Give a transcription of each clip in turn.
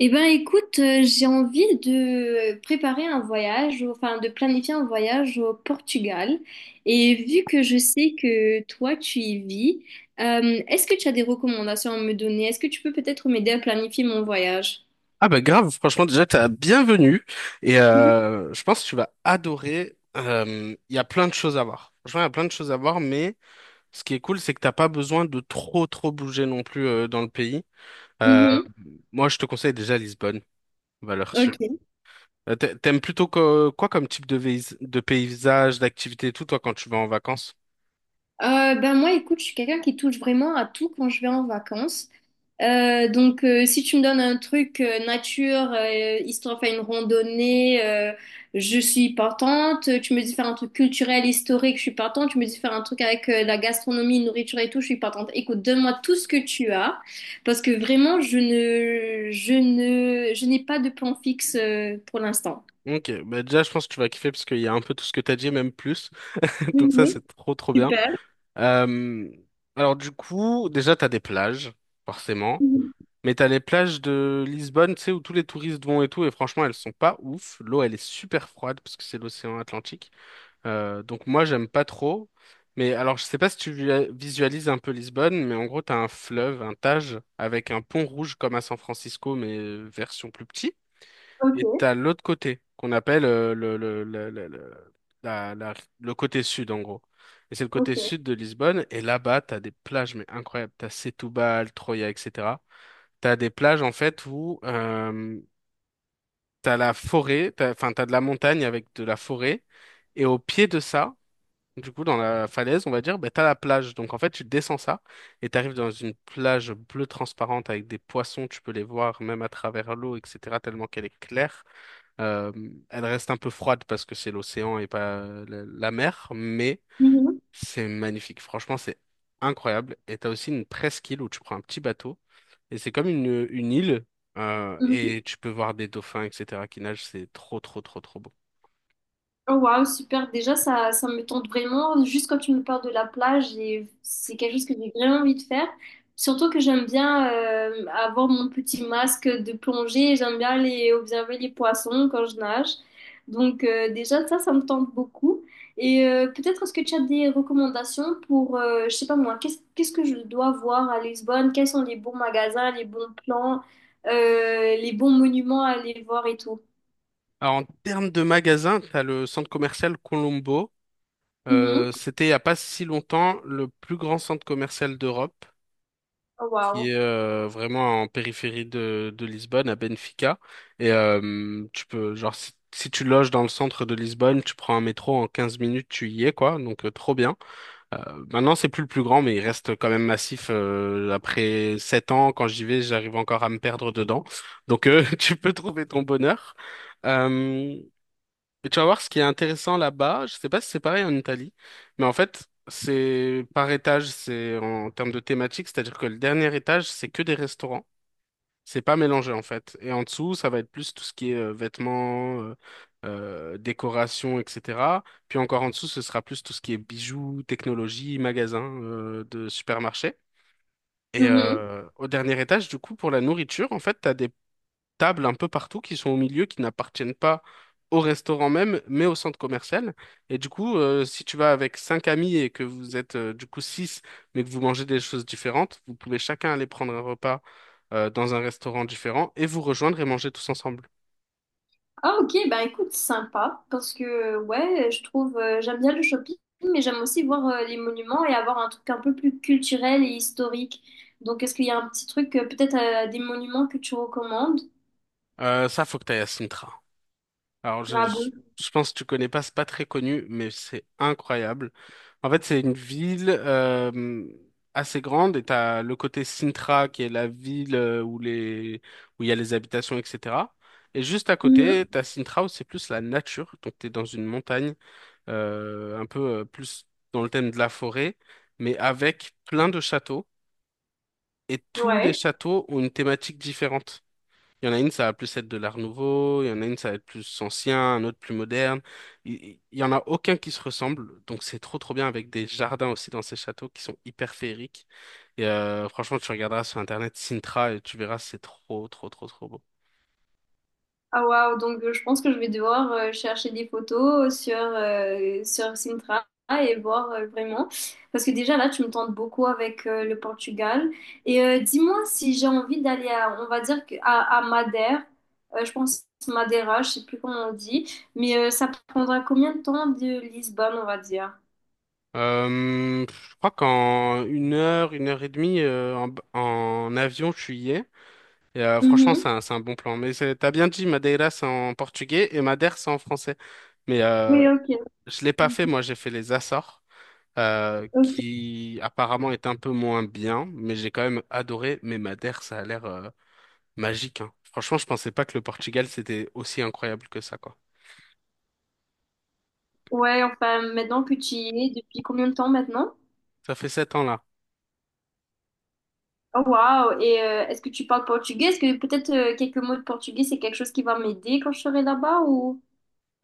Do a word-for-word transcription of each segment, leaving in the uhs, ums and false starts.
Eh ben écoute, euh, j'ai envie de préparer un voyage, enfin de planifier un voyage au Portugal. Et vu que je sais que toi tu y vis, euh, est-ce que tu as des recommandations à me donner? Est-ce que tu peux peut-être m'aider à planifier mon voyage? Ah bah grave, franchement déjà t'as bienvenue et Mhm. euh, je pense que tu vas adorer. Euh, Il y a plein de choses à voir. Franchement, il y a plein de choses à voir, mais ce qui est cool, c'est que t'as pas besoin de trop trop bouger non plus euh, dans le pays. Euh, Mhm. Moi, je te conseille déjà Lisbonne, valeur sûre. Ok. Euh, t'a- T'aimes plutôt que- quoi comme type de, vais- de paysage, d'activité et tout, toi, quand tu vas en vacances? Euh, ben moi, écoute, je suis quelqu'un qui touche vraiment à tout quand je vais en vacances. Euh, donc, euh, si tu me donnes un truc euh, nature, euh, histoire de faire une randonnée, euh, je suis partante. Tu me dis faire un truc culturel, historique, je suis partante. Tu me dis faire un truc avec euh, la gastronomie, nourriture et tout, je suis partante. Écoute, donne-moi tout ce que tu as, parce que vraiment, je ne, je ne, je n'ai pas de plan fixe euh, pour l'instant. Ok, bah déjà je pense que tu vas kiffer parce qu'il y a un peu tout ce que t'as dit, même plus. Donc ça, Mhm, c'est trop trop bien. super. Euh, alors du coup, déjà t'as des plages, forcément, Mhm. mais t'as les plages de Lisbonne, tu sais, où tous les touristes vont et tout, et franchement, elles sont pas ouf. L'eau, elle est super froide parce que c'est l'océan Atlantique. Euh, donc moi, j'aime pas trop. Mais alors, je sais pas si tu vi- visualises un peu Lisbonne, mais en gros, t'as un fleuve, un Tage, avec un pont rouge comme à San Francisco, mais euh, version plus petit. Ok, Et t'as l'autre côté, qu'on appelle euh, le, le, le, le, le, la- la- le côté sud, en gros. Et c'est le côté ok. sud de Lisbonne. Et là-bas, t'as des plages, mais incroyables. T'as Setúbal, Troia, et cetera. T'as des plages, en fait, où euh, t'as la forêt, t'as, enfin, t'as de la montagne avec de la forêt. Et au pied de ça, du coup, dans la falaise, on va dire, bah, t'as la plage. Donc, en fait, tu descends ça et t'arrives dans une plage bleue transparente avec des poissons. Tu peux les voir même à travers l'eau, et cetera, tellement qu'elle est claire. Euh, Elle reste un peu froide parce que c'est l'océan et pas la, la mer, mais Mhm, c'est magnifique. Franchement, c'est incroyable. Et t'as aussi une presqu'île où tu prends un petit bateau et c'est comme une, une île euh, mhm. et tu peux voir des dauphins, et cetera qui nagent. C'est trop, trop, trop, trop beau. Oh, waouh, super. Déjà, ça, ça me tente vraiment. Juste quand tu me parles de la plage, et c'est quelque chose que j'ai vraiment envie de faire. Surtout que j'aime bien euh, avoir mon petit masque de plongée. Et j'aime bien aller observer les poissons quand je nage. Donc, euh, déjà, ça, ça me tente beaucoup. Et euh, peut-être est-ce que tu as des recommandations pour, euh, je sais pas moi, qu'est-ce, qu'est-ce que je dois voir à Lisbonne? Quels sont les bons magasins, les bons plans, euh, les bons monuments à aller voir et tout? Alors, en termes de magasins, t'as le centre commercial Colombo. Mhm. Euh, c'était il n'y a pas si longtemps le plus grand centre commercial d'Europe, Oh, qui waouh. est euh, vraiment en périphérie de, de Lisbonne, à Benfica. Et euh, tu peux, genre, si, si tu loges dans le centre de Lisbonne, tu prends un métro en quinze minutes, tu y es, quoi. Donc, euh, trop bien. Euh, Maintenant, c'est plus le plus grand, mais il reste quand même massif. Euh, après sept ans, quand j'y vais, j'arrive encore à me perdre dedans. Donc, euh, tu peux trouver ton bonheur. Euh, et tu vas voir ce qui est intéressant là-bas, je sais pas si c'est pareil en Italie, mais en fait, c'est par étage, c'est en termes de thématique, c'est-à-dire que le dernier étage, c'est que des restaurants, c'est pas mélangé en fait. Et en dessous, ça va être plus tout ce qui est euh, vêtements, euh, euh, décoration, et cetera. Puis encore en dessous, ce sera plus tout ce qui est bijoux, technologie, magasins euh, de supermarché. Et Mhm. euh, au dernier étage, du coup, pour la nourriture, en fait, t'as des tables un peu partout qui sont au milieu, qui n'appartiennent pas au restaurant même, mais au centre commercial. Et du coup, euh, si tu vas avec cinq amis et que vous êtes euh, du coup six, mais que vous mangez des choses différentes, vous pouvez chacun aller prendre un repas euh, dans un restaurant différent et vous rejoindre et manger tous ensemble. Ah ok, ben écoute, sympa, parce que ouais, je trouve, euh, j'aime bien le shopping, mais j'aime aussi voir euh, les monuments et avoir un truc un peu plus culturel et historique. Donc est-ce qu'il y a un petit truc, euh, peut-être euh, des monuments que tu recommandes? Euh, ça, faut que t'ailles à Sintra. Alors, je, Ah je bon? je pense que tu connais pas, c'est pas très connu, mais c'est incroyable. En fait, c'est une ville euh, assez grande et t'as le côté Sintra qui est la ville euh, où les où il y a les habitations, et cetera. Et juste à côté, Mhm. t'as Sintra où c'est plus la nature. Donc, t'es dans une montagne, euh, un peu euh, plus dans le thème de la forêt, mais avec plein de châteaux. Et tous les Ouais. châteaux ont une thématique différente. Il y en a une, ça va plus être de l'art nouveau, il y en a une, ça va être plus ancien, un autre plus moderne. Il il- il y en a aucun qui se ressemble, donc c'est trop trop bien avec des jardins aussi dans ces châteaux qui sont hyper féeriques. Et euh, franchement, tu regarderas sur internet Sintra et tu verras, c'est trop trop trop trop beau. Ah waouh, donc euh, je pense que je vais devoir euh, chercher des photos euh, sur, euh, sur Sintra et voir euh, vraiment. Parce que déjà là, tu me tentes beaucoup avec euh, le Portugal. Et euh, dis-moi si j'ai envie d'aller à, on va dire, que- à, à Madère. Euh, je pense Madeira, je sais plus comment on dit. Mais euh, ça prendra combien de temps de Lisbonne, on va dire? Euh, je crois qu'en une heure, une heure et demie euh, en, b- en avion, je suis y ai. Et, euh, franchement, Mhm. c'est un, c'est un bon plan. Mais c'est- t'as bien dit, Madeira, c'est en portugais et Madère, c'est en français. Mais Oui, euh, ok. je l'ai pas fait, moi, j'ai fait les Açores. euh, Ok. Qui apparemment est un peu moins bien, mais j'ai quand même adoré. Mais Madère, ça a l'air euh, magique, hein. Franchement, je pensais pas que le Portugal, c'était aussi incroyable que ça, quoi. Ouais, enfin, maintenant que tu y es, depuis combien de temps maintenant? Ça fait sept ans là. Oh, waouh! Et euh, est-ce que tu parles portugais? Est-ce que peut-être euh, quelques mots de portugais, c'est quelque chose qui va m'aider quand je serai là-bas ou...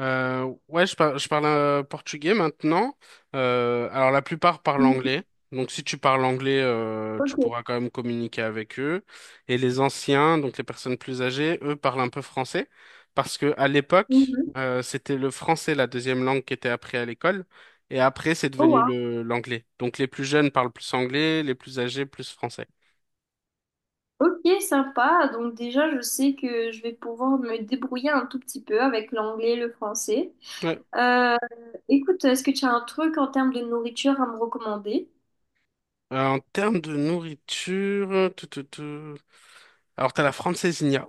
Euh, ouais, je, par- je parle euh, portugais maintenant. Euh, alors la plupart parlent Mhm. anglais. Donc si tu parles anglais, euh, tu Ok. pourras quand même communiquer avec eux. Et les anciens, donc les personnes plus âgées, eux parlent un peu français parce que à l'époque, Mhm. euh, c'était le français la deuxième langue qui était apprise à l'école. Et après, c'est Oh, devenu waouh. le l'anglais. Donc les plus jeunes parlent plus anglais, les plus âgés plus français. Ok, sympa. Donc déjà, je sais que je vais pouvoir me débrouiller un tout petit peu avec l'anglais et le français. Ouais. Euh, écoute, est-ce que tu as un truc en termes de nourriture à me recommander? Euh, en termes de nourriture, tout, tout, tout. Alors t'as la francesinha.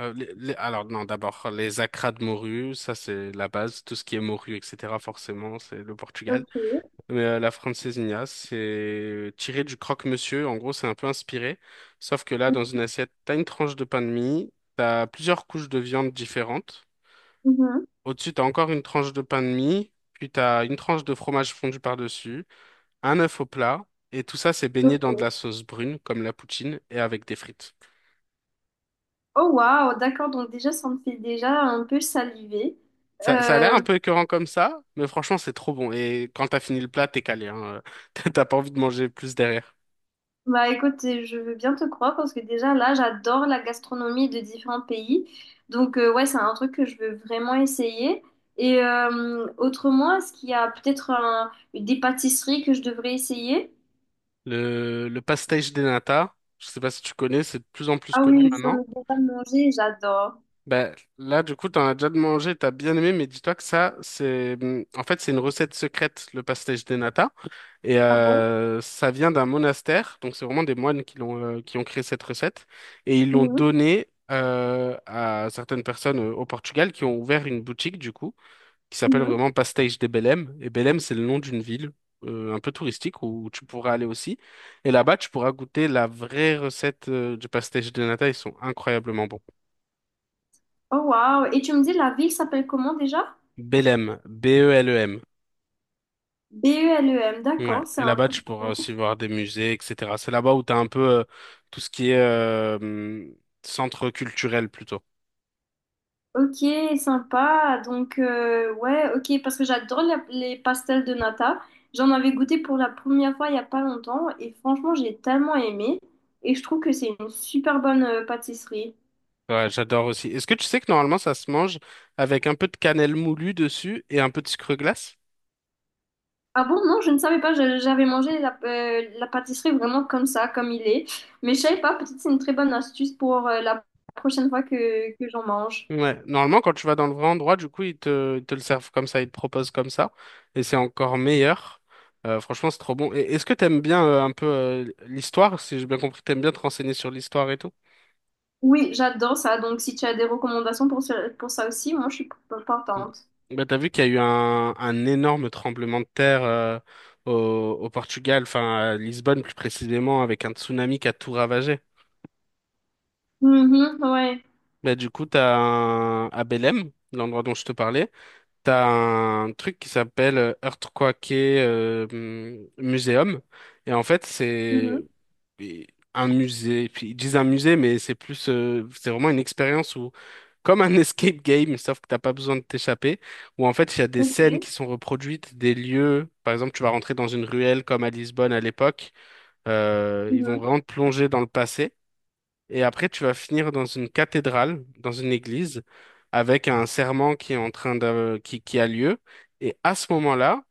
Euh, les- les- alors non, d'abord les acras de morue, ça c'est la base, tout ce qui est morue, et cetera. Forcément, c'est le Portugal. Ok. Mais euh, la francesinha, c'est tiré du croque-monsieur. En gros, c'est un peu inspiré, sauf que là, dans une assiette, t'as une tranche de pain de mie, t'as plusieurs couches de viande différentes. Mhm. Au-dessus, t'as encore une tranche de pain de mie, puis t'as une tranche de fromage fondu par-dessus, un œuf au plat, et tout ça c'est baigné dans de Ok. la sauce brune comme la poutine et avec des frites. Oh, waouh! D'accord. Donc déjà, ça me fait déjà un peu saliver. Ça, ça a l'air Euh, un peu écœurant comme ça, mais franchement, c'est trop bon. Et quand t'as fini le plat, t'es calé, hein. T'as t'as pas envie de manger plus derrière. Bah écoute, je veux bien te croire parce que déjà là, j'adore la gastronomie de différents pays. Donc euh, ouais, c'est un truc que je veux vraiment essayer. Et euh, autrement, est-ce qu'il y a peut-être un- des pâtisseries que je devrais essayer? Le, le pastéis de nata, je sais pas si tu connais, c'est de plus en plus Ah connu oui, j'en maintenant. ai déjà mangé, j'adore. Ben, là, du coup, t'en as déjà mangé, t'as bien aimé, mais dis-toi que ça, c'est, hum, en fait, c'est une recette secrète, le pastéis de nata. Et Ah bon? euh, ça vient d'un monastère, donc c'est vraiment des moines qui l'ont, euh, qui ont créé cette recette. Et ils l'ont Mhm, donnée euh, à certaines personnes euh, au Portugal qui ont ouvert une boutique, du coup. Qui s'appelle mhm. vraiment Pastéis de Belém. Et Belém, c'est le nom d'une ville euh, un peu touristique où tu pourras aller aussi. Et là-bas, tu pourras goûter la vraie recette euh, du pastéis de nata. Ils sont incroyablement bons. Oh wow. Et tu me dis, la ville s'appelle comment déjà? Belém, B E L E M. B E L E M, Ouais. d'accord, c'est Et un là-bas, tu truc. pourras aussi voir des musées, et cetera. C'est là-bas où tu as un peu euh, tout ce qui est euh, hum, centre culturel plutôt. Ok, sympa. Donc, euh, ouais, ok, parce que j'adore la- les pastels de nata. J'en avais goûté pour la première fois il n'y a pas longtemps et franchement, j'ai tellement aimé et je trouve que c'est une super bonne euh, pâtisserie. Ouais, j'adore aussi. Est-ce que tu sais que normalement, ça se mange avec un peu de cannelle moulue dessus et un peu de sucre glace? Ah bon, non, je ne savais pas, je- j'avais mangé la, euh, la pâtisserie vraiment comme ça, comme il est. Mais je savais pas, peut-être c'est une très bonne astuce pour euh, la prochaine fois que, que j'en mange. Ouais, normalement, quand tu vas dans le vrai endroit, du coup, ils te, ils te le servent comme ça, ils te proposent comme ça, et c'est encore meilleur. Euh, franchement, c'est trop bon. Et est-ce que t'aimes bien euh, un peu euh, l'histoire? Si j'ai bien compris, t'aimes bien te renseigner sur l'histoire et tout? Oui, j'adore ça, donc si tu as des recommandations pour, ce- pour ça aussi, moi je suis Mm. partante. Bah, t'as vu qu'il y a eu un, un énorme tremblement de terre euh, au, au Portugal, enfin à Lisbonne plus précisément, avec un tsunami qui a tout ravagé. Mhm, ouais. Bah, du coup, t'as un, à Belém, l'endroit dont je te parlais, t'as un truc qui s'appelle euh, Earthquake euh, hum, Museum. Et en fait, Mhm, c'est un musée. Puis ils disent un musée, mais c'est plus, euh, c'est vraiment une expérience où, comme un escape game, sauf que t'as pas besoin de t'échapper. Où en fait, il y a des scènes ok. qui sont reproduites, des lieux. Par exemple, tu vas rentrer dans une ruelle comme à Lisbonne à l'époque. Euh, ils vont Mhm. vraiment te plonger dans le passé. Et après, tu vas finir dans une cathédrale, dans une église, avec un serment qui est en train de, qui, qui a lieu. Et à ce moment-là,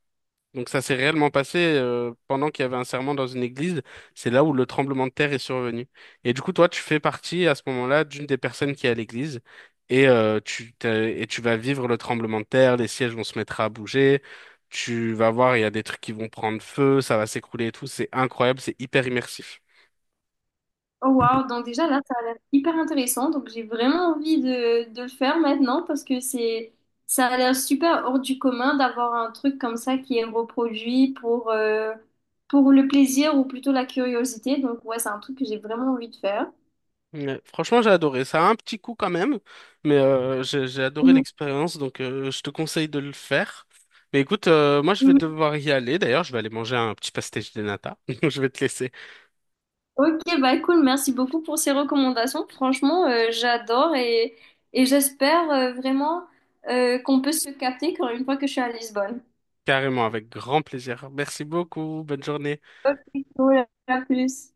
donc ça s'est réellement passé euh, pendant qu'il y avait un serment dans une église, c'est là où le tremblement de terre est survenu. Et du coup, toi, tu fais partie à ce moment-là d'une des personnes qui est à l'église. Et, euh, tu t'es- et tu vas vivre le tremblement de terre, les sièges vont se mettre à bouger, tu vas voir, il y a des trucs qui vont prendre feu, ça va s'écrouler et tout, c'est incroyable, c'est hyper immersif. Oh wow, donc déjà là, ça a l'air hyper intéressant. Donc j'ai vraiment envie de, de le faire maintenant parce que c'est ça a l'air super hors du commun d'avoir un truc comme ça qui est reproduit pour, euh, pour le plaisir ou plutôt la curiosité. Donc ouais, c'est un truc que j'ai vraiment envie de faire. Ouais, franchement, j'ai adoré. Ça a un petit coup quand même, mais euh, j'ai j'ai adoré Mhm. l'expérience, donc euh, je te conseille de le faire. Mais écoute, euh, moi je vais Mhm. devoir y aller. D'ailleurs, je vais aller manger un petit pastéis de nata. Donc, je vais te laisser Ok, bah cool, merci beaucoup pour ces recommandations. Franchement, euh, j'adore et, et j'espère euh, vraiment euh, qu'on peut se capter quand une fois que je suis à Lisbonne. carrément avec grand plaisir. Merci beaucoup. Bonne journée. Ok, cool, à plus.